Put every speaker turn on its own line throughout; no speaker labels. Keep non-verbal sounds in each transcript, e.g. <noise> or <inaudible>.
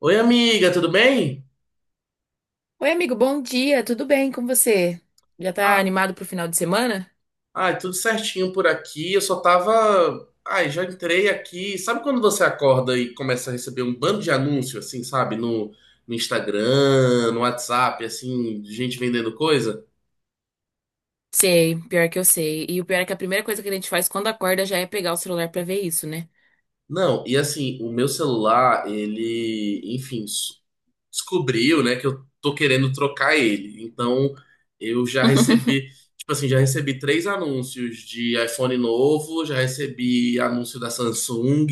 Oi, amiga, tudo bem?
Oi, amigo, bom dia, tudo bem com você? Já tá
Ah,
animado pro final de semana?
ai, tudo certinho por aqui. Eu só tava. Ai, já entrei aqui. Sabe quando você acorda e começa a receber um bando de anúncio, assim, sabe? No, no Instagram, no WhatsApp, assim, de gente vendendo coisa?
Sei, pior que eu sei. E o pior é que a primeira coisa que a gente faz quando acorda já é pegar o celular pra ver isso, né?
Não, e assim, o meu celular, ele. Enfim, descobriu, né, que eu tô querendo trocar ele. Então, eu já
<laughs>
recebi, tipo assim, já recebi três anúncios de iPhone novo, já recebi anúncio da Samsung,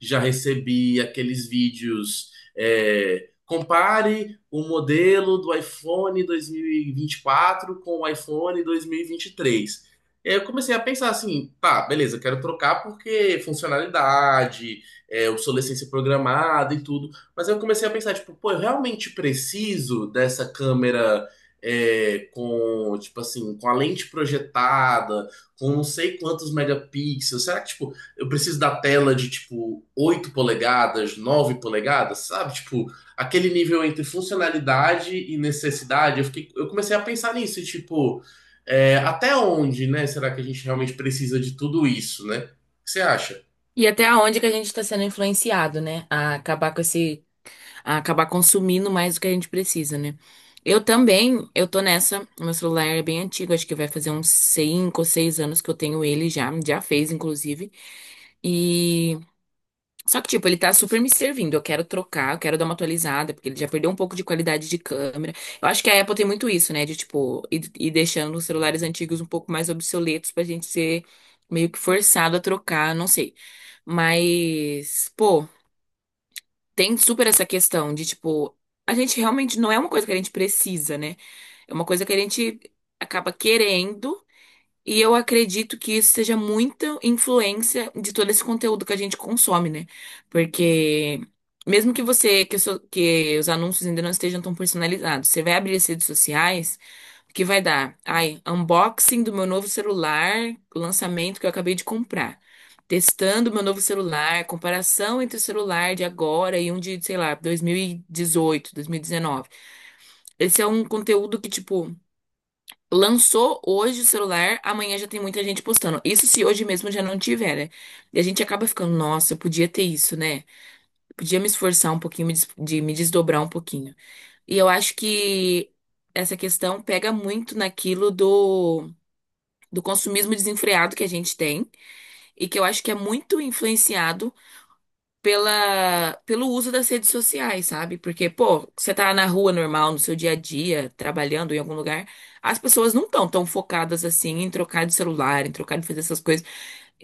já recebi aqueles vídeos, compare o modelo do iPhone 2024 com o iPhone 2023. E vinte e três. E aí eu comecei a pensar assim, tá, beleza, eu quero trocar porque funcionalidade, obsolescência programada e tudo. Mas eu comecei a pensar, tipo, pô, eu realmente preciso dessa câmera com, tipo assim, com a lente projetada, com não sei quantos megapixels. Será que, tipo, eu preciso da tela de, tipo, 8 polegadas, 9 polegadas, sabe? Tipo, aquele nível entre funcionalidade e necessidade. Eu fiquei, eu comecei a pensar nisso, e, tipo, até onde, né? Será que a gente realmente precisa de tudo isso, né? O que você acha?
E até aonde que a gente tá sendo influenciado, né? A acabar com a acabar consumindo mais do que a gente precisa, né? Eu também, eu tô nessa. O meu celular é bem antigo, acho que vai fazer uns 5, ou 6 anos que eu tenho ele já, já fez, inclusive. E Só que, tipo, ele tá super me servindo. Eu quero trocar, eu quero dar uma atualizada, porque ele já perdeu um pouco de qualidade de câmera. Eu acho que a Apple tem muito isso, né? De, tipo, ir deixando os celulares antigos um pouco mais obsoletos pra gente ser meio que forçado a trocar, não sei. Mas, pô, tem super essa questão de, tipo, a gente realmente não é uma coisa que a gente precisa, né? É uma coisa que a gente acaba querendo. E eu acredito que isso seja muita influência de todo esse conteúdo que a gente consome, né? Porque mesmo que que os anúncios ainda não estejam tão personalizados, você vai abrir as redes sociais, o que vai dar? Ai, unboxing do meu novo celular, lançamento que eu acabei de comprar. Testando meu novo celular, comparação entre o celular de agora e um de, sei lá, 2018, 2019. Esse é um conteúdo que, tipo, lançou hoje o celular, amanhã já tem muita gente postando. Isso se hoje mesmo já não tiver, né? E a gente acaba ficando, nossa, eu podia ter isso, né? Eu podia me esforçar um pouquinho, me desdobrar um pouquinho. E eu acho que essa questão pega muito naquilo do consumismo desenfreado que a gente tem e que eu acho que é muito influenciado pelo uso das redes sociais, sabe? Porque, pô, você tá na rua normal, no seu dia a dia, trabalhando em algum lugar, as pessoas não estão tão focadas assim em trocar de celular, em trocar de fazer essas coisas.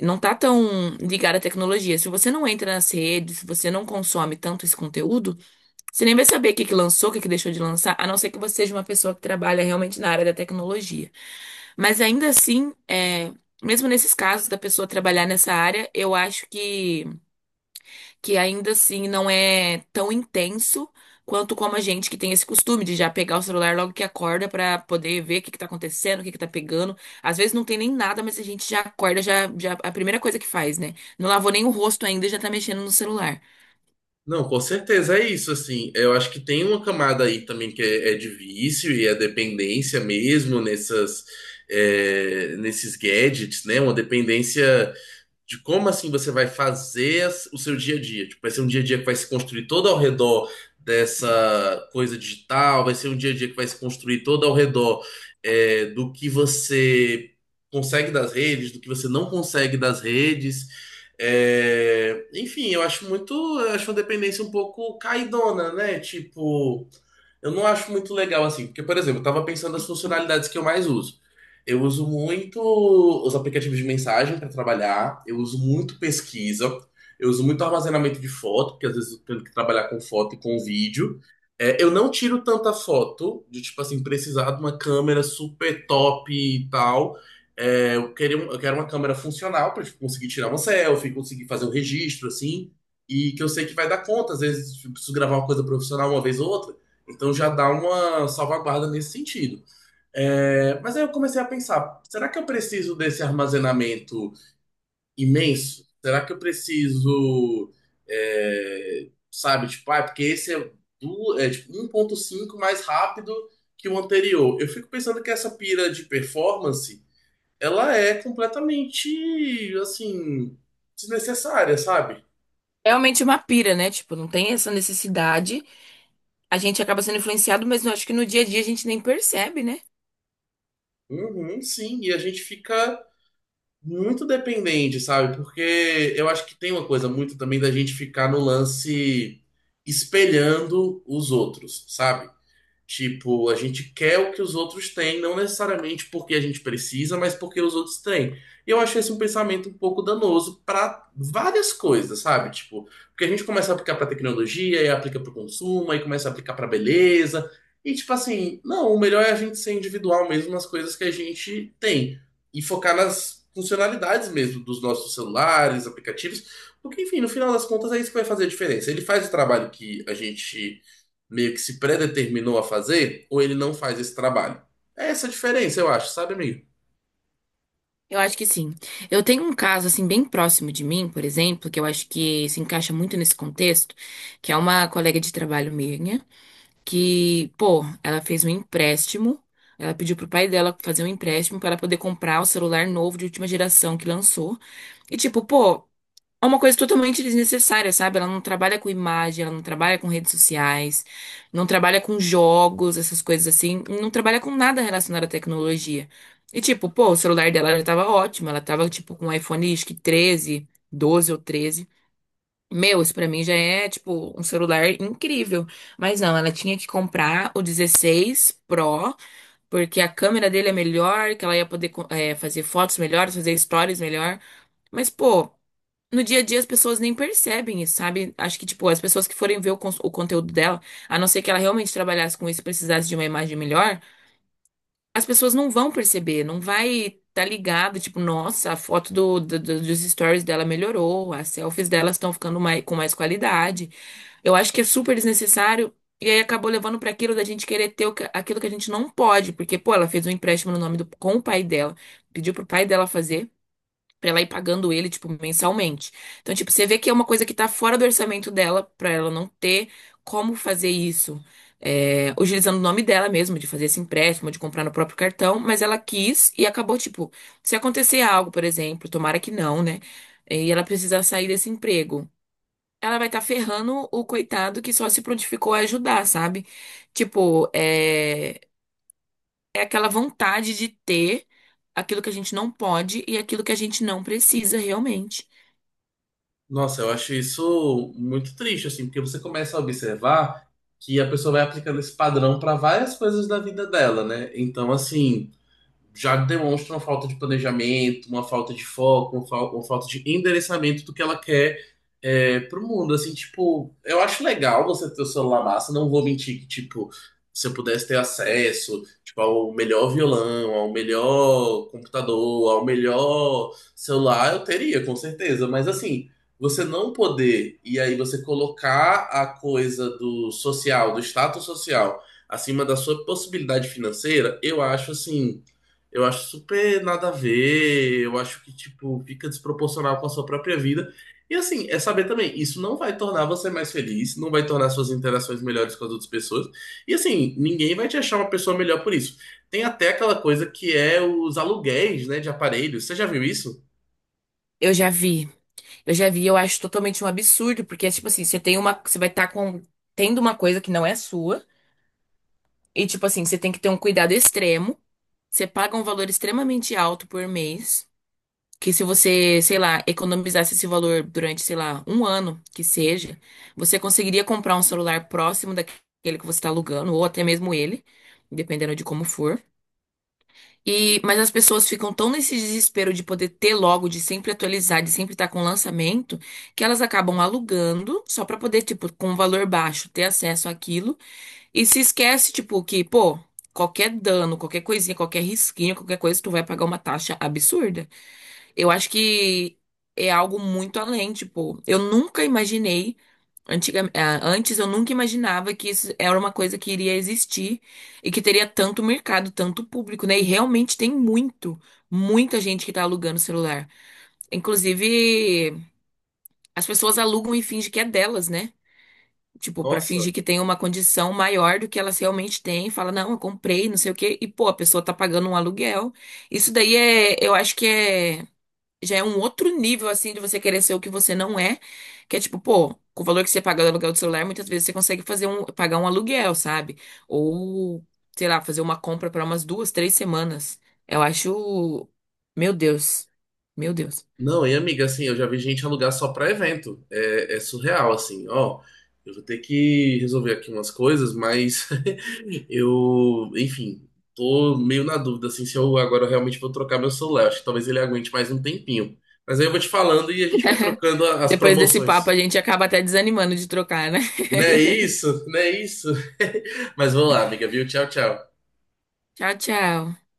Não tá tão ligada à tecnologia. Se você não entra nas redes, se você não consome tanto esse conteúdo, você nem vai saber o que que lançou, o que que deixou de lançar, a não ser que você seja uma pessoa que trabalha realmente na área da tecnologia. Mas ainda assim, mesmo nesses casos da pessoa trabalhar nessa área, eu acho que ainda assim não é tão intenso quanto como a gente que tem esse costume de já pegar o celular logo que acorda pra poder ver o que que tá acontecendo, o que que tá pegando. Às vezes não tem nem nada, mas a gente já acorda, já a primeira coisa que faz, né? Não lavou nem o rosto ainda e já tá mexendo no celular.
Não, com certeza é isso, assim. Eu acho que tem uma camada aí também que é de vício e é dependência mesmo nessas, nesses gadgets, né? Uma dependência de como assim você vai fazer o seu dia a dia. Tipo, vai ser um dia a dia que vai se construir todo ao redor dessa coisa digital, vai ser um dia a dia que vai se construir todo ao redor do que você consegue das redes, do que você não consegue das redes. É, enfim, eu acho uma dependência um pouco caidona, né? Tipo, eu não acho muito legal assim, porque, por exemplo, eu tava pensando nas funcionalidades que eu mais uso. Eu uso muito os aplicativos de mensagem para trabalhar, eu uso muito pesquisa, eu uso muito armazenamento de foto, porque às vezes eu tenho que trabalhar com foto e com vídeo. É, eu não tiro tanta foto, de tipo assim, precisar de uma câmera super top e tal. Eu queria, eu quero uma câmera funcional para conseguir tirar uma selfie, conseguir fazer um registro, assim, e que eu sei que vai dar conta. Às vezes eu preciso gravar uma coisa profissional uma vez ou outra, então já dá uma salvaguarda nesse sentido. É, mas aí eu comecei a pensar, será que eu preciso desse armazenamento imenso? Será que eu preciso, sabe, tipo, ah, é porque esse é tipo, 1,5 mais rápido que o anterior. Eu fico pensando que essa pira de performance, ela é completamente, assim, desnecessária, sabe?
É realmente uma pira, né? Tipo, não tem essa necessidade. A gente acaba sendo influenciado, mas eu acho que no dia a dia a gente nem percebe, né?
Uhum, sim, e a gente fica muito dependente, sabe? Porque eu acho que tem uma coisa muito também da gente ficar no lance espelhando os outros, sabe? Tipo, a gente quer o que os outros têm, não necessariamente porque a gente precisa, mas porque os outros têm. E eu acho esse um pensamento um pouco danoso para várias coisas, sabe? Tipo, porque a gente começa a aplicar para tecnologia, e aplica para o consumo, aí começa a aplicar para beleza. E tipo assim, não, o melhor é a gente ser individual mesmo nas coisas que a gente tem e focar nas funcionalidades mesmo dos nossos celulares, aplicativos, porque enfim, no final das contas é isso que vai fazer a diferença. Ele faz o trabalho que a gente meio que se predeterminou a fazer, ou ele não faz esse trabalho. É essa a diferença, eu acho, sabe, amigo?
Eu acho que sim. Eu tenho um caso assim bem próximo de mim, por exemplo, que eu acho que se encaixa muito nesse contexto, que é uma colega de trabalho minha, que, pô, ela fez um empréstimo, ela pediu pro pai dela fazer um empréstimo para ela poder comprar o celular novo de última geração que lançou. E tipo, pô, é uma coisa totalmente desnecessária, sabe? Ela não trabalha com imagem, ela não trabalha com redes sociais, não trabalha com jogos, essas coisas assim, não trabalha com nada relacionado à tecnologia. E tipo, pô, o celular dela já tava ótimo, ela tava tipo com um iPhone, 12 ou 13. Meu, isso pra mim já é tipo um celular incrível. Mas não, ela tinha que comprar o 16 Pro, porque a câmera dele é melhor, que ela ia poder co- eh, fazer fotos melhores, fazer stories melhor. Mas, pô, no dia a dia as pessoas nem percebem isso, sabe? Acho que, tipo, as pessoas que forem ver o conteúdo dela, a não ser que ela realmente trabalhasse com isso e precisasse de uma imagem melhor, as pessoas não vão perceber, não vai tá ligado, tipo, nossa, a foto dos stories dela melhorou, as selfies delas estão ficando com mais qualidade. Eu acho que é super desnecessário e aí acabou levando pra aquilo da gente querer ter aquilo que a gente não pode, porque, pô, ela fez um empréstimo no nome do, com o pai dela, pediu pro pai dela fazer pra ela ir pagando ele, tipo, mensalmente. Então, tipo, você vê que é uma coisa que tá fora do orçamento dela, pra ela não ter como fazer isso, utilizando o nome dela mesmo, de fazer esse empréstimo, de comprar no próprio cartão, mas ela quis e acabou, tipo, se acontecer algo, por exemplo, tomara que não, né? E ela precisar sair desse emprego. Ela vai estar ferrando o coitado que só se prontificou a ajudar, sabe? Tipo, é aquela vontade de ter aquilo que a gente não pode e aquilo que a gente não precisa realmente.
Nossa, eu acho isso muito triste, assim, porque você começa a observar que a pessoa vai aplicando esse padrão para várias coisas da vida dela, né? Então, assim. Já demonstra uma falta de planejamento, uma falta de foco, uma, uma falta de endereçamento do que ela quer pro mundo. Assim, tipo, eu acho legal você ter o celular massa, não vou mentir que, tipo, se eu pudesse ter acesso, tipo, ao melhor violão, ao melhor computador, ao melhor celular, eu teria, com certeza. Mas, assim, você não poder, e aí você colocar a coisa do social, do status social, acima da sua possibilidade financeira, eu acho, assim eu acho super nada a ver, eu acho que, tipo, fica desproporcional com a sua própria vida. E assim, é saber também, isso não vai tornar você mais feliz, não vai tornar suas interações melhores com as outras pessoas. E assim, ninguém vai te achar uma pessoa melhor por isso. Tem até aquela coisa que é os aluguéis, né, de aparelhos. Você já viu isso?
Eu já vi. Eu já vi, eu acho totalmente um absurdo, porque é tipo assim, você vai estar com tendo uma coisa que não é sua, e tipo assim, você tem que ter um cuidado extremo. Você paga um valor extremamente alto por mês, que se você, sei lá, economizasse esse valor durante, sei lá, um ano que seja, você conseguiria comprar um celular próximo daquele que você está alugando, ou até mesmo ele, dependendo de como for. E, mas as pessoas ficam tão nesse desespero de poder ter logo, de sempre atualizar, de sempre estar com lançamento, que elas acabam alugando só pra poder, tipo, com um valor baixo, ter acesso àquilo e se esquece, tipo, que, pô, qualquer dano, qualquer coisinha, qualquer risquinho, qualquer coisa, tu vai pagar uma taxa absurda. Eu acho que é algo muito além, tipo, eu nunca imaginei, antes eu nunca imaginava que isso era uma coisa que iria existir e que teria tanto mercado, tanto público, né? E realmente tem muito, muita gente que tá alugando celular. Inclusive, as pessoas alugam e fingem que é delas, né? Tipo, pra
Nossa.
fingir que tem uma condição maior do que elas realmente têm, fala, não, eu comprei, não sei o quê, e pô, a pessoa tá pagando um aluguel. Isso daí é, eu acho que já é um outro nível, assim, de você querer ser o que você não é. Que é tipo, pô, com o valor que você paga do aluguel do celular, muitas vezes você consegue pagar um aluguel, sabe? Ou, sei lá, fazer uma compra para umas duas, três semanas. Eu acho. Meu Deus. Meu Deus.
Não, e amiga, assim, eu já vi gente alugar só pra evento. É, é surreal, assim, ó. Eu vou ter que resolver aqui umas coisas, mas <laughs> eu, enfim, tô meio na dúvida, assim, se eu agora realmente vou trocar meu celular. Acho que talvez ele aguente mais um tempinho. Mas aí eu vou te falando e a gente vai trocando as
Depois desse papo,
promoções.
a gente acaba até desanimando de trocar, né?
Não é isso? Não é isso? <laughs> Mas vamos lá, amiga, viu? Tchau, tchau.
<laughs> Tchau, tchau.